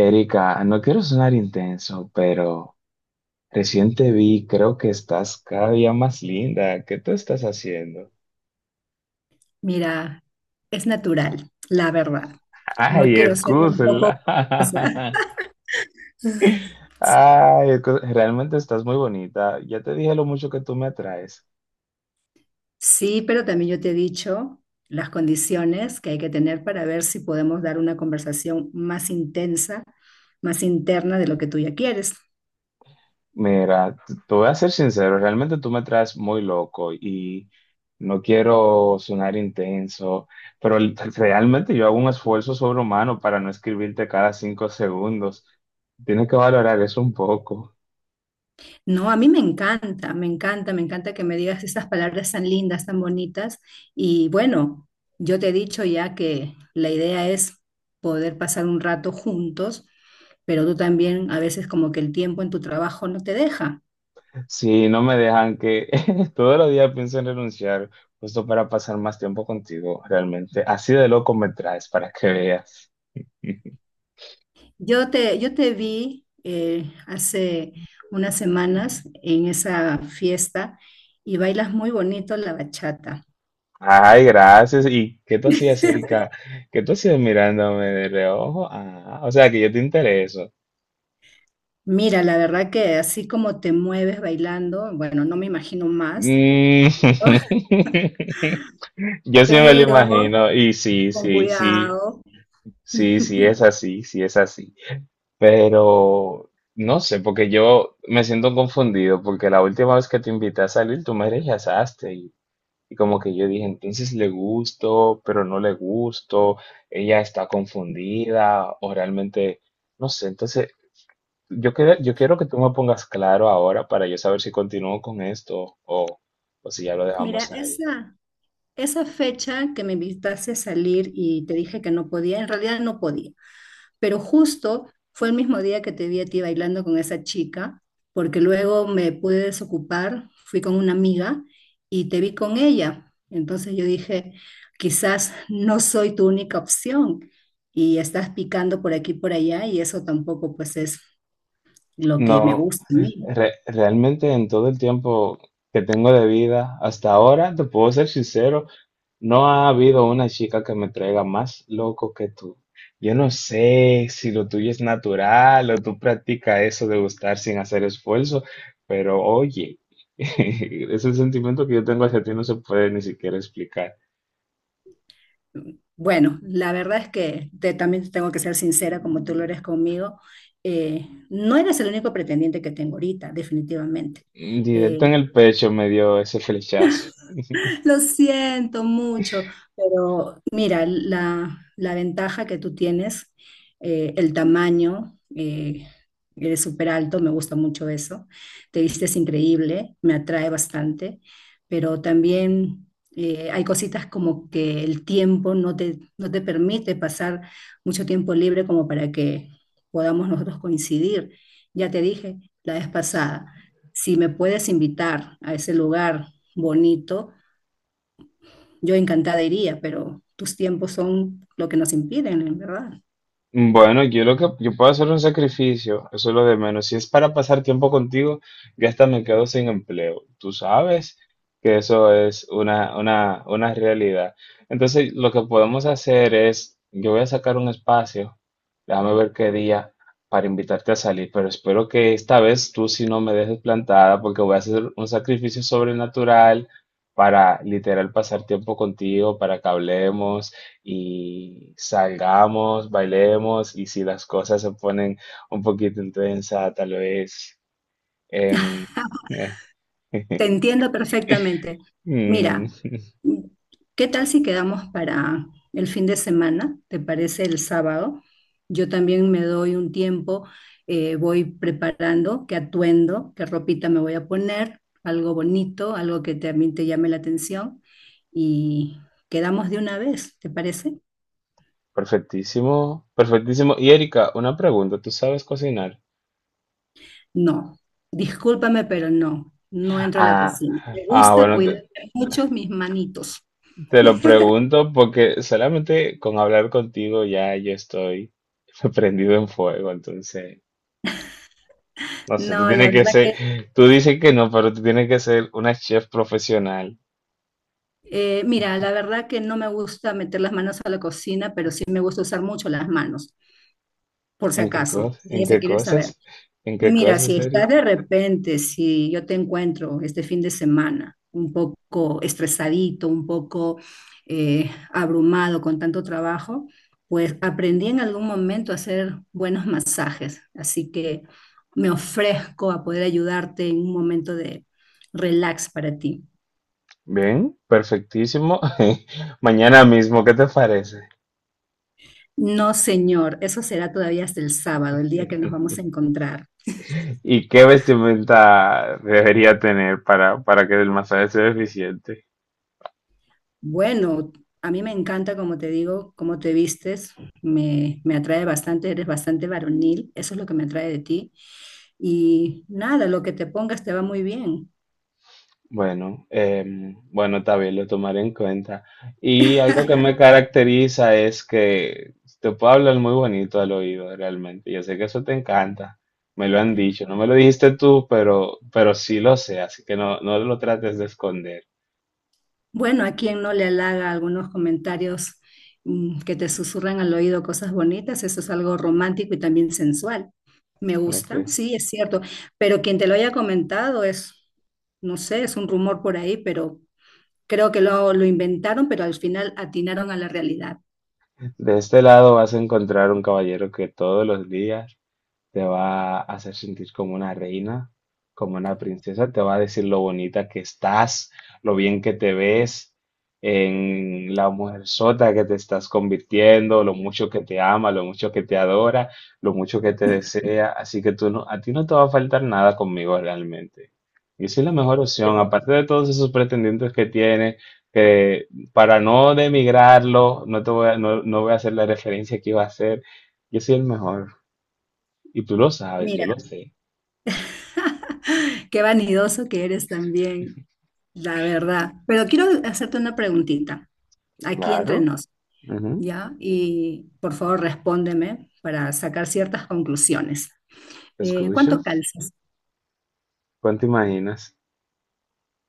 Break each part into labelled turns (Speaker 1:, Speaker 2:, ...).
Speaker 1: Erika, no quiero sonar intenso, pero recién te vi, creo que estás cada día más linda. ¿Qué tú estás haciendo?
Speaker 2: Mira, es natural, la verdad. No
Speaker 1: Ay,
Speaker 2: quiero ser un poco...
Speaker 1: excúsela.
Speaker 2: cosa.
Speaker 1: Ay, realmente estás muy bonita. Ya te dije lo mucho que tú me atraes.
Speaker 2: Sí, pero también yo te he dicho las condiciones que hay que tener para ver si podemos dar una conversación más intensa, más interna de lo que tú ya quieres.
Speaker 1: Mira, te voy a ser sincero, realmente tú me traes muy loco y no quiero sonar intenso, pero realmente yo hago un esfuerzo sobrehumano para no escribirte cada 5 segundos. Tienes que valorar eso un poco.
Speaker 2: No, a mí me encanta, me encanta, me encanta que me digas estas palabras tan lindas, tan bonitas. Y bueno, yo te he dicho ya que la idea es poder pasar un rato juntos, pero tú también a veces como que el tiempo en tu trabajo no te deja.
Speaker 1: Si no me dejan que todos los días pienso en renunciar, justo para pasar más tiempo contigo, realmente. Así de loco me traes para que veas.
Speaker 2: Yo te vi hace unas semanas en esa fiesta y bailas muy bonito la bachata.
Speaker 1: Ay, gracias. ¿Y qué tú hacías, Erika? ¿Qué tú hacías mirándome de reojo? Ah, o sea que yo te intereso.
Speaker 2: Mira, la verdad que así como te mueves bailando, bueno, no me imagino más,
Speaker 1: Mm. Yo sí me lo
Speaker 2: pero
Speaker 1: imagino. Y sí,
Speaker 2: con
Speaker 1: sí, sí,
Speaker 2: cuidado.
Speaker 1: sí, sí, es así, sí, es así. Pero no sé, porque yo me siento confundido, porque la última vez que te invité a salir, tú me rechazaste. Y como que yo dije, entonces le gusto, pero no le gusto, ella está confundida, o realmente. No sé, entonces yo quiero que tú me pongas claro ahora para yo saber si continúo con esto o si ya lo
Speaker 2: Mira,
Speaker 1: dejamos ahí.
Speaker 2: esa fecha que me invitaste a salir y te dije que no podía, en realidad no podía, pero justo fue el mismo día que te vi a ti bailando con esa chica, porque luego me pude desocupar, fui con una amiga y te vi con ella. Entonces yo dije, quizás no soy tu única opción y estás picando por aquí y por allá, y eso tampoco pues es lo que me
Speaker 1: No,
Speaker 2: gusta a mí.
Speaker 1: realmente en todo el tiempo que tengo de vida hasta ahora, te puedo ser sincero, no ha habido una chica que me traiga más loco que tú. Yo no sé si lo tuyo es natural o tú practicas eso de gustar sin hacer esfuerzo, pero oye, ese sentimiento que yo tengo hacia ti no se puede ni siquiera explicar.
Speaker 2: Bueno, la verdad es que también tengo que ser sincera como tú lo eres conmigo. Eh, no eres el único pretendiente que tengo ahorita, definitivamente. Eh,
Speaker 1: Directo en el pecho me dio ese flechazo.
Speaker 2: Lo siento mucho, pero mira, la ventaja que tú tienes, el tamaño, eres súper alto, me gusta mucho eso, te vistes increíble, me atrae bastante, pero también hay cositas como que el tiempo no te permite pasar mucho tiempo libre como para que podamos nosotros coincidir. Ya te dije la vez pasada, si me puedes invitar a ese lugar bonito, yo encantada iría, pero tus tiempos son lo que nos impiden, en verdad.
Speaker 1: Bueno, yo lo que yo puedo hacer un sacrificio, eso es lo de menos. Si es para pasar tiempo contigo, ya hasta me quedo sin empleo. Tú sabes que eso es una realidad. Entonces, lo que podemos hacer es, yo voy a sacar un espacio, déjame ver qué día para invitarte a salir, pero espero que esta vez tú sí no me dejes plantada porque voy a hacer un sacrificio sobrenatural para literal pasar tiempo contigo, para que hablemos y salgamos, bailemos y si las cosas se ponen un poquito intensas, tal vez... em, eh,
Speaker 2: Te entiendo perfectamente.
Speaker 1: mm,
Speaker 2: Mira, ¿qué tal si quedamos para el fin de semana? ¿Te parece el sábado? Yo también me doy un tiempo, voy preparando qué atuendo, qué ropita me voy a poner, algo bonito, algo que también te llame la atención, y quedamos de una vez, ¿te parece?
Speaker 1: perfectísimo, perfectísimo. Y Erika, una pregunta, ¿tú sabes cocinar?
Speaker 2: No, discúlpame, pero no, no entro a la
Speaker 1: Ah,
Speaker 2: cocina. Me
Speaker 1: ah,
Speaker 2: gusta
Speaker 1: bueno, te,
Speaker 2: cuidar mucho mis manitos.
Speaker 1: te lo pregunto porque solamente con hablar contigo ya yo estoy prendido en fuego, entonces, no sé, tú
Speaker 2: No, la
Speaker 1: tienes que
Speaker 2: verdad que,
Speaker 1: ser, tú dices que no, pero tú tienes que ser una chef profesional.
Speaker 2: mira, la verdad que no me gusta meter las manos a la cocina, pero sí me gusta usar mucho las manos, por si
Speaker 1: ¿En qué
Speaker 2: acaso,
Speaker 1: cosas?
Speaker 2: si
Speaker 1: ¿En
Speaker 2: eso
Speaker 1: qué
Speaker 2: quieres saber.
Speaker 1: cosas? ¿En qué
Speaker 2: Mira, si
Speaker 1: cosas, Eric?
Speaker 2: estás de repente, si yo te encuentro este fin de semana un poco estresadito, un poco abrumado con tanto trabajo, pues aprendí en algún momento a hacer buenos masajes. Así que me ofrezco a poder ayudarte en un momento de relax para ti.
Speaker 1: Bien, perfectísimo. Mañana mismo, ¿qué te parece?
Speaker 2: No, señor, eso será todavía hasta el sábado, el día que nos vamos a encontrar.
Speaker 1: ¿Y qué vestimenta debería tener para que el masaje sea eficiente?
Speaker 2: Bueno, a mí me encanta, como te digo, cómo te vistes, me atrae bastante, eres bastante varonil, eso es lo que me atrae de ti. Y nada, lo que te pongas te va muy bien.
Speaker 1: Bueno, bueno, está bien, lo tomaré en cuenta. Y algo que me caracteriza es que te puedo hablar muy bonito al oído, realmente. Yo sé que eso te encanta. Me lo han dicho. No me lo dijiste tú, pero sí lo sé, así que no, no lo trates de esconder.
Speaker 2: Bueno, a quien no le halaga algunos comentarios que te susurran al oído cosas bonitas, eso es algo romántico y también sensual. Me
Speaker 1: Bueno,
Speaker 2: gusta,
Speaker 1: pues
Speaker 2: sí, es cierto, pero quien te lo haya comentado es, no sé, es un rumor por ahí, pero creo que lo inventaron, pero al final atinaron a la realidad.
Speaker 1: de este lado vas a encontrar un caballero que todos los días te va a hacer sentir como una reina, como una princesa, te va a decir lo bonita que estás, lo bien que te ves, en la mujer sota que te estás convirtiendo, lo mucho que te ama, lo mucho que te adora, lo mucho que te desea, así que tú no, a ti no te va a faltar nada conmigo realmente. Y soy la mejor opción, aparte de todos esos pretendientes que tiene, que para no demigrarlo, no te voy a, no, no voy a hacer la referencia que iba a hacer, yo soy el mejor. Y tú lo sabes, yo
Speaker 2: Mira.
Speaker 1: lo sé.
Speaker 2: Qué vanidoso que eres también, la verdad. Pero quiero hacerte una preguntita, aquí entre
Speaker 1: Claro.
Speaker 2: nos,
Speaker 1: Ujú.
Speaker 2: ¿ya? Y por favor respóndeme para sacar ciertas conclusiones.
Speaker 1: Te escucho.
Speaker 2: ¿Cuánto calzas?
Speaker 1: ¿Cuánto imaginas?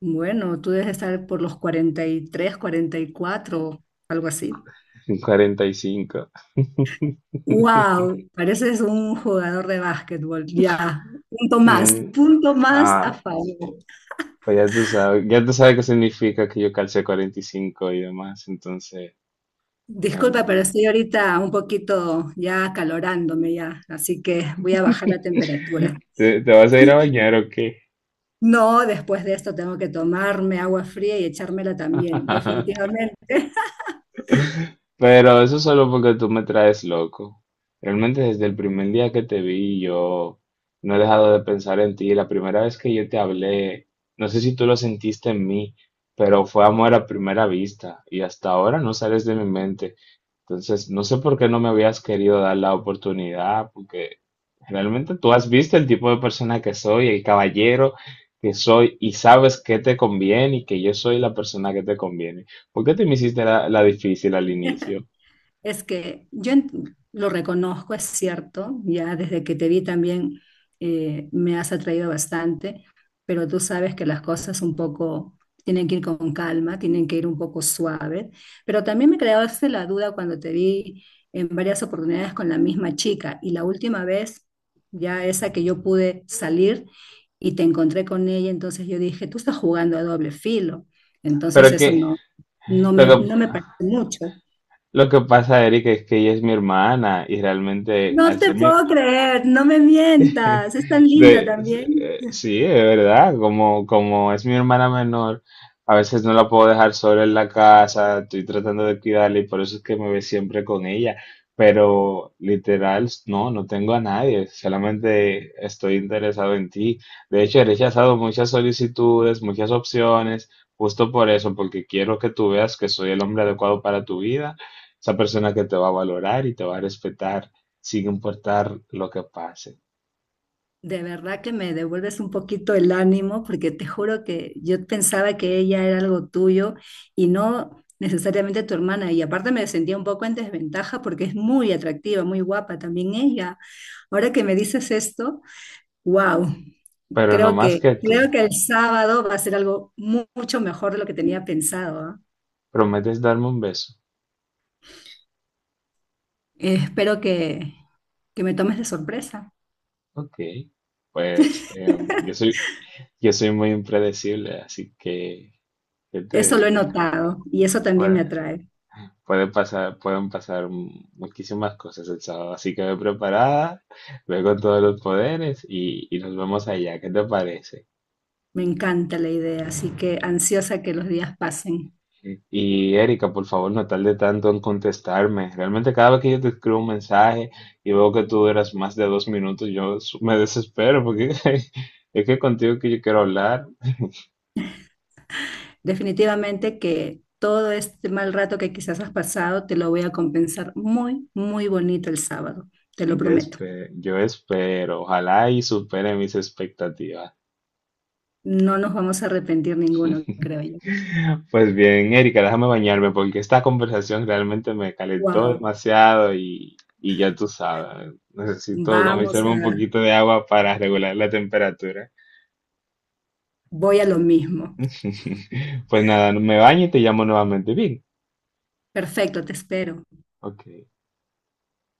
Speaker 2: Bueno, tú debes estar por los cuarenta, cuarenta y tres, cuarenta y cuatro, algo así.
Speaker 1: 45.
Speaker 2: ¡Wow! Pareces un jugador de básquetbol. Ya,
Speaker 1: Mm.
Speaker 2: punto más a
Speaker 1: Ah,
Speaker 2: favor.
Speaker 1: pues ya tú sabes qué significa que yo calcé 45 y cinco y demás, entonces,
Speaker 2: Disculpa,
Speaker 1: em,
Speaker 2: pero estoy ahorita un poquito ya acalorándome ya, así que voy a bajar la temperatura.
Speaker 1: ¿te, vas a ir a bañar o qué?
Speaker 2: No, después de esto tengo que tomarme agua fría y echármela también. Definitivamente.
Speaker 1: Pero eso solo porque tú me traes loco. Realmente desde el primer día que te vi, yo no he dejado de pensar en ti. La primera vez que yo te hablé, no sé si tú lo sentiste en mí, pero fue amor a primera vista y hasta ahora no sales de mi mente. Entonces, no sé por qué no me habías querido dar la oportunidad, porque realmente tú has visto el tipo de persona que soy, el caballero que soy y sabes que te conviene y que yo soy la persona que te conviene. ¿Por qué te me hiciste la difícil al inicio?
Speaker 2: Es que yo lo reconozco, es cierto, ya desde que te vi también me has atraído bastante, pero tú sabes que las cosas un poco tienen que ir con calma, tienen que ir un poco suave, pero también me creaste la duda cuando te vi en varias oportunidades con la misma chica y la última vez, ya esa que yo pude salir y te encontré con ella, entonces yo dije, tú estás jugando a doble filo,
Speaker 1: Pero
Speaker 2: entonces
Speaker 1: que
Speaker 2: eso no,
Speaker 1: lo que
Speaker 2: no me parece mucho.
Speaker 1: lo que pasa, Erika, es que ella es mi hermana y realmente
Speaker 2: No
Speaker 1: al
Speaker 2: te
Speaker 1: ser mi,
Speaker 2: puedo creer, no me mientas, es tan linda
Speaker 1: De,
Speaker 2: también.
Speaker 1: sí, es verdad, como es mi hermana menor, a veces no la puedo dejar sola en la casa, estoy tratando de cuidarla y por eso es que me ve siempre con ella, pero literal, no, no tengo a nadie, solamente estoy interesado en ti. De hecho, he rechazado muchas solicitudes, muchas opciones, justo por eso, porque quiero que tú veas que soy el hombre adecuado para tu vida, esa persona que te va a valorar y te va a respetar, sin importar lo que pase.
Speaker 2: De verdad que me devuelves un poquito el ánimo porque te juro que yo pensaba que ella era algo tuyo y no necesariamente tu hermana. Y aparte me sentía un poco en desventaja porque es muy atractiva, muy guapa también ella. Ahora que me dices esto, wow,
Speaker 1: Pero no más que
Speaker 2: creo
Speaker 1: tú.
Speaker 2: que el sábado va a ser algo mucho mejor de lo que tenía pensado, ¿ah?
Speaker 1: ¿Prometes darme un beso?
Speaker 2: Espero que me tomes de sorpresa.
Speaker 1: Ok. Pues yo soy muy impredecible, así que, ¿qué te
Speaker 2: Eso lo he
Speaker 1: digo?
Speaker 2: notado y eso también me
Speaker 1: Puede,
Speaker 2: atrae.
Speaker 1: pueden pasar muchísimas cosas el sábado, así que ve preparada, ve con todos los poderes y nos vemos allá. ¿Qué te parece?
Speaker 2: Me encanta la idea, así que ansiosa que los días pasen.
Speaker 1: Y, Erika, por favor, no tarde tanto en contestarme. Realmente cada vez que yo te escribo un mensaje y veo que tú duras más de 2 minutos, yo me desespero porque es que contigo que yo quiero hablar.
Speaker 2: Definitivamente que todo este mal rato que quizás has pasado te lo voy a compensar muy, muy bonito el sábado, te lo prometo.
Speaker 1: Yo espero, ojalá y supere mis expectativas.
Speaker 2: No nos vamos a arrepentir ninguno, creo yo.
Speaker 1: Pues bien, Erika, déjame bañarme porque esta conversación realmente me calentó
Speaker 2: Wow,
Speaker 1: demasiado y ya tú sabes, necesito
Speaker 2: vamos
Speaker 1: comerme un
Speaker 2: a,
Speaker 1: poquito de agua para regular la temperatura.
Speaker 2: voy a lo mismo.
Speaker 1: Pues nada, me baño y te llamo nuevamente. Bien.
Speaker 2: Perfecto, te espero.
Speaker 1: Ok.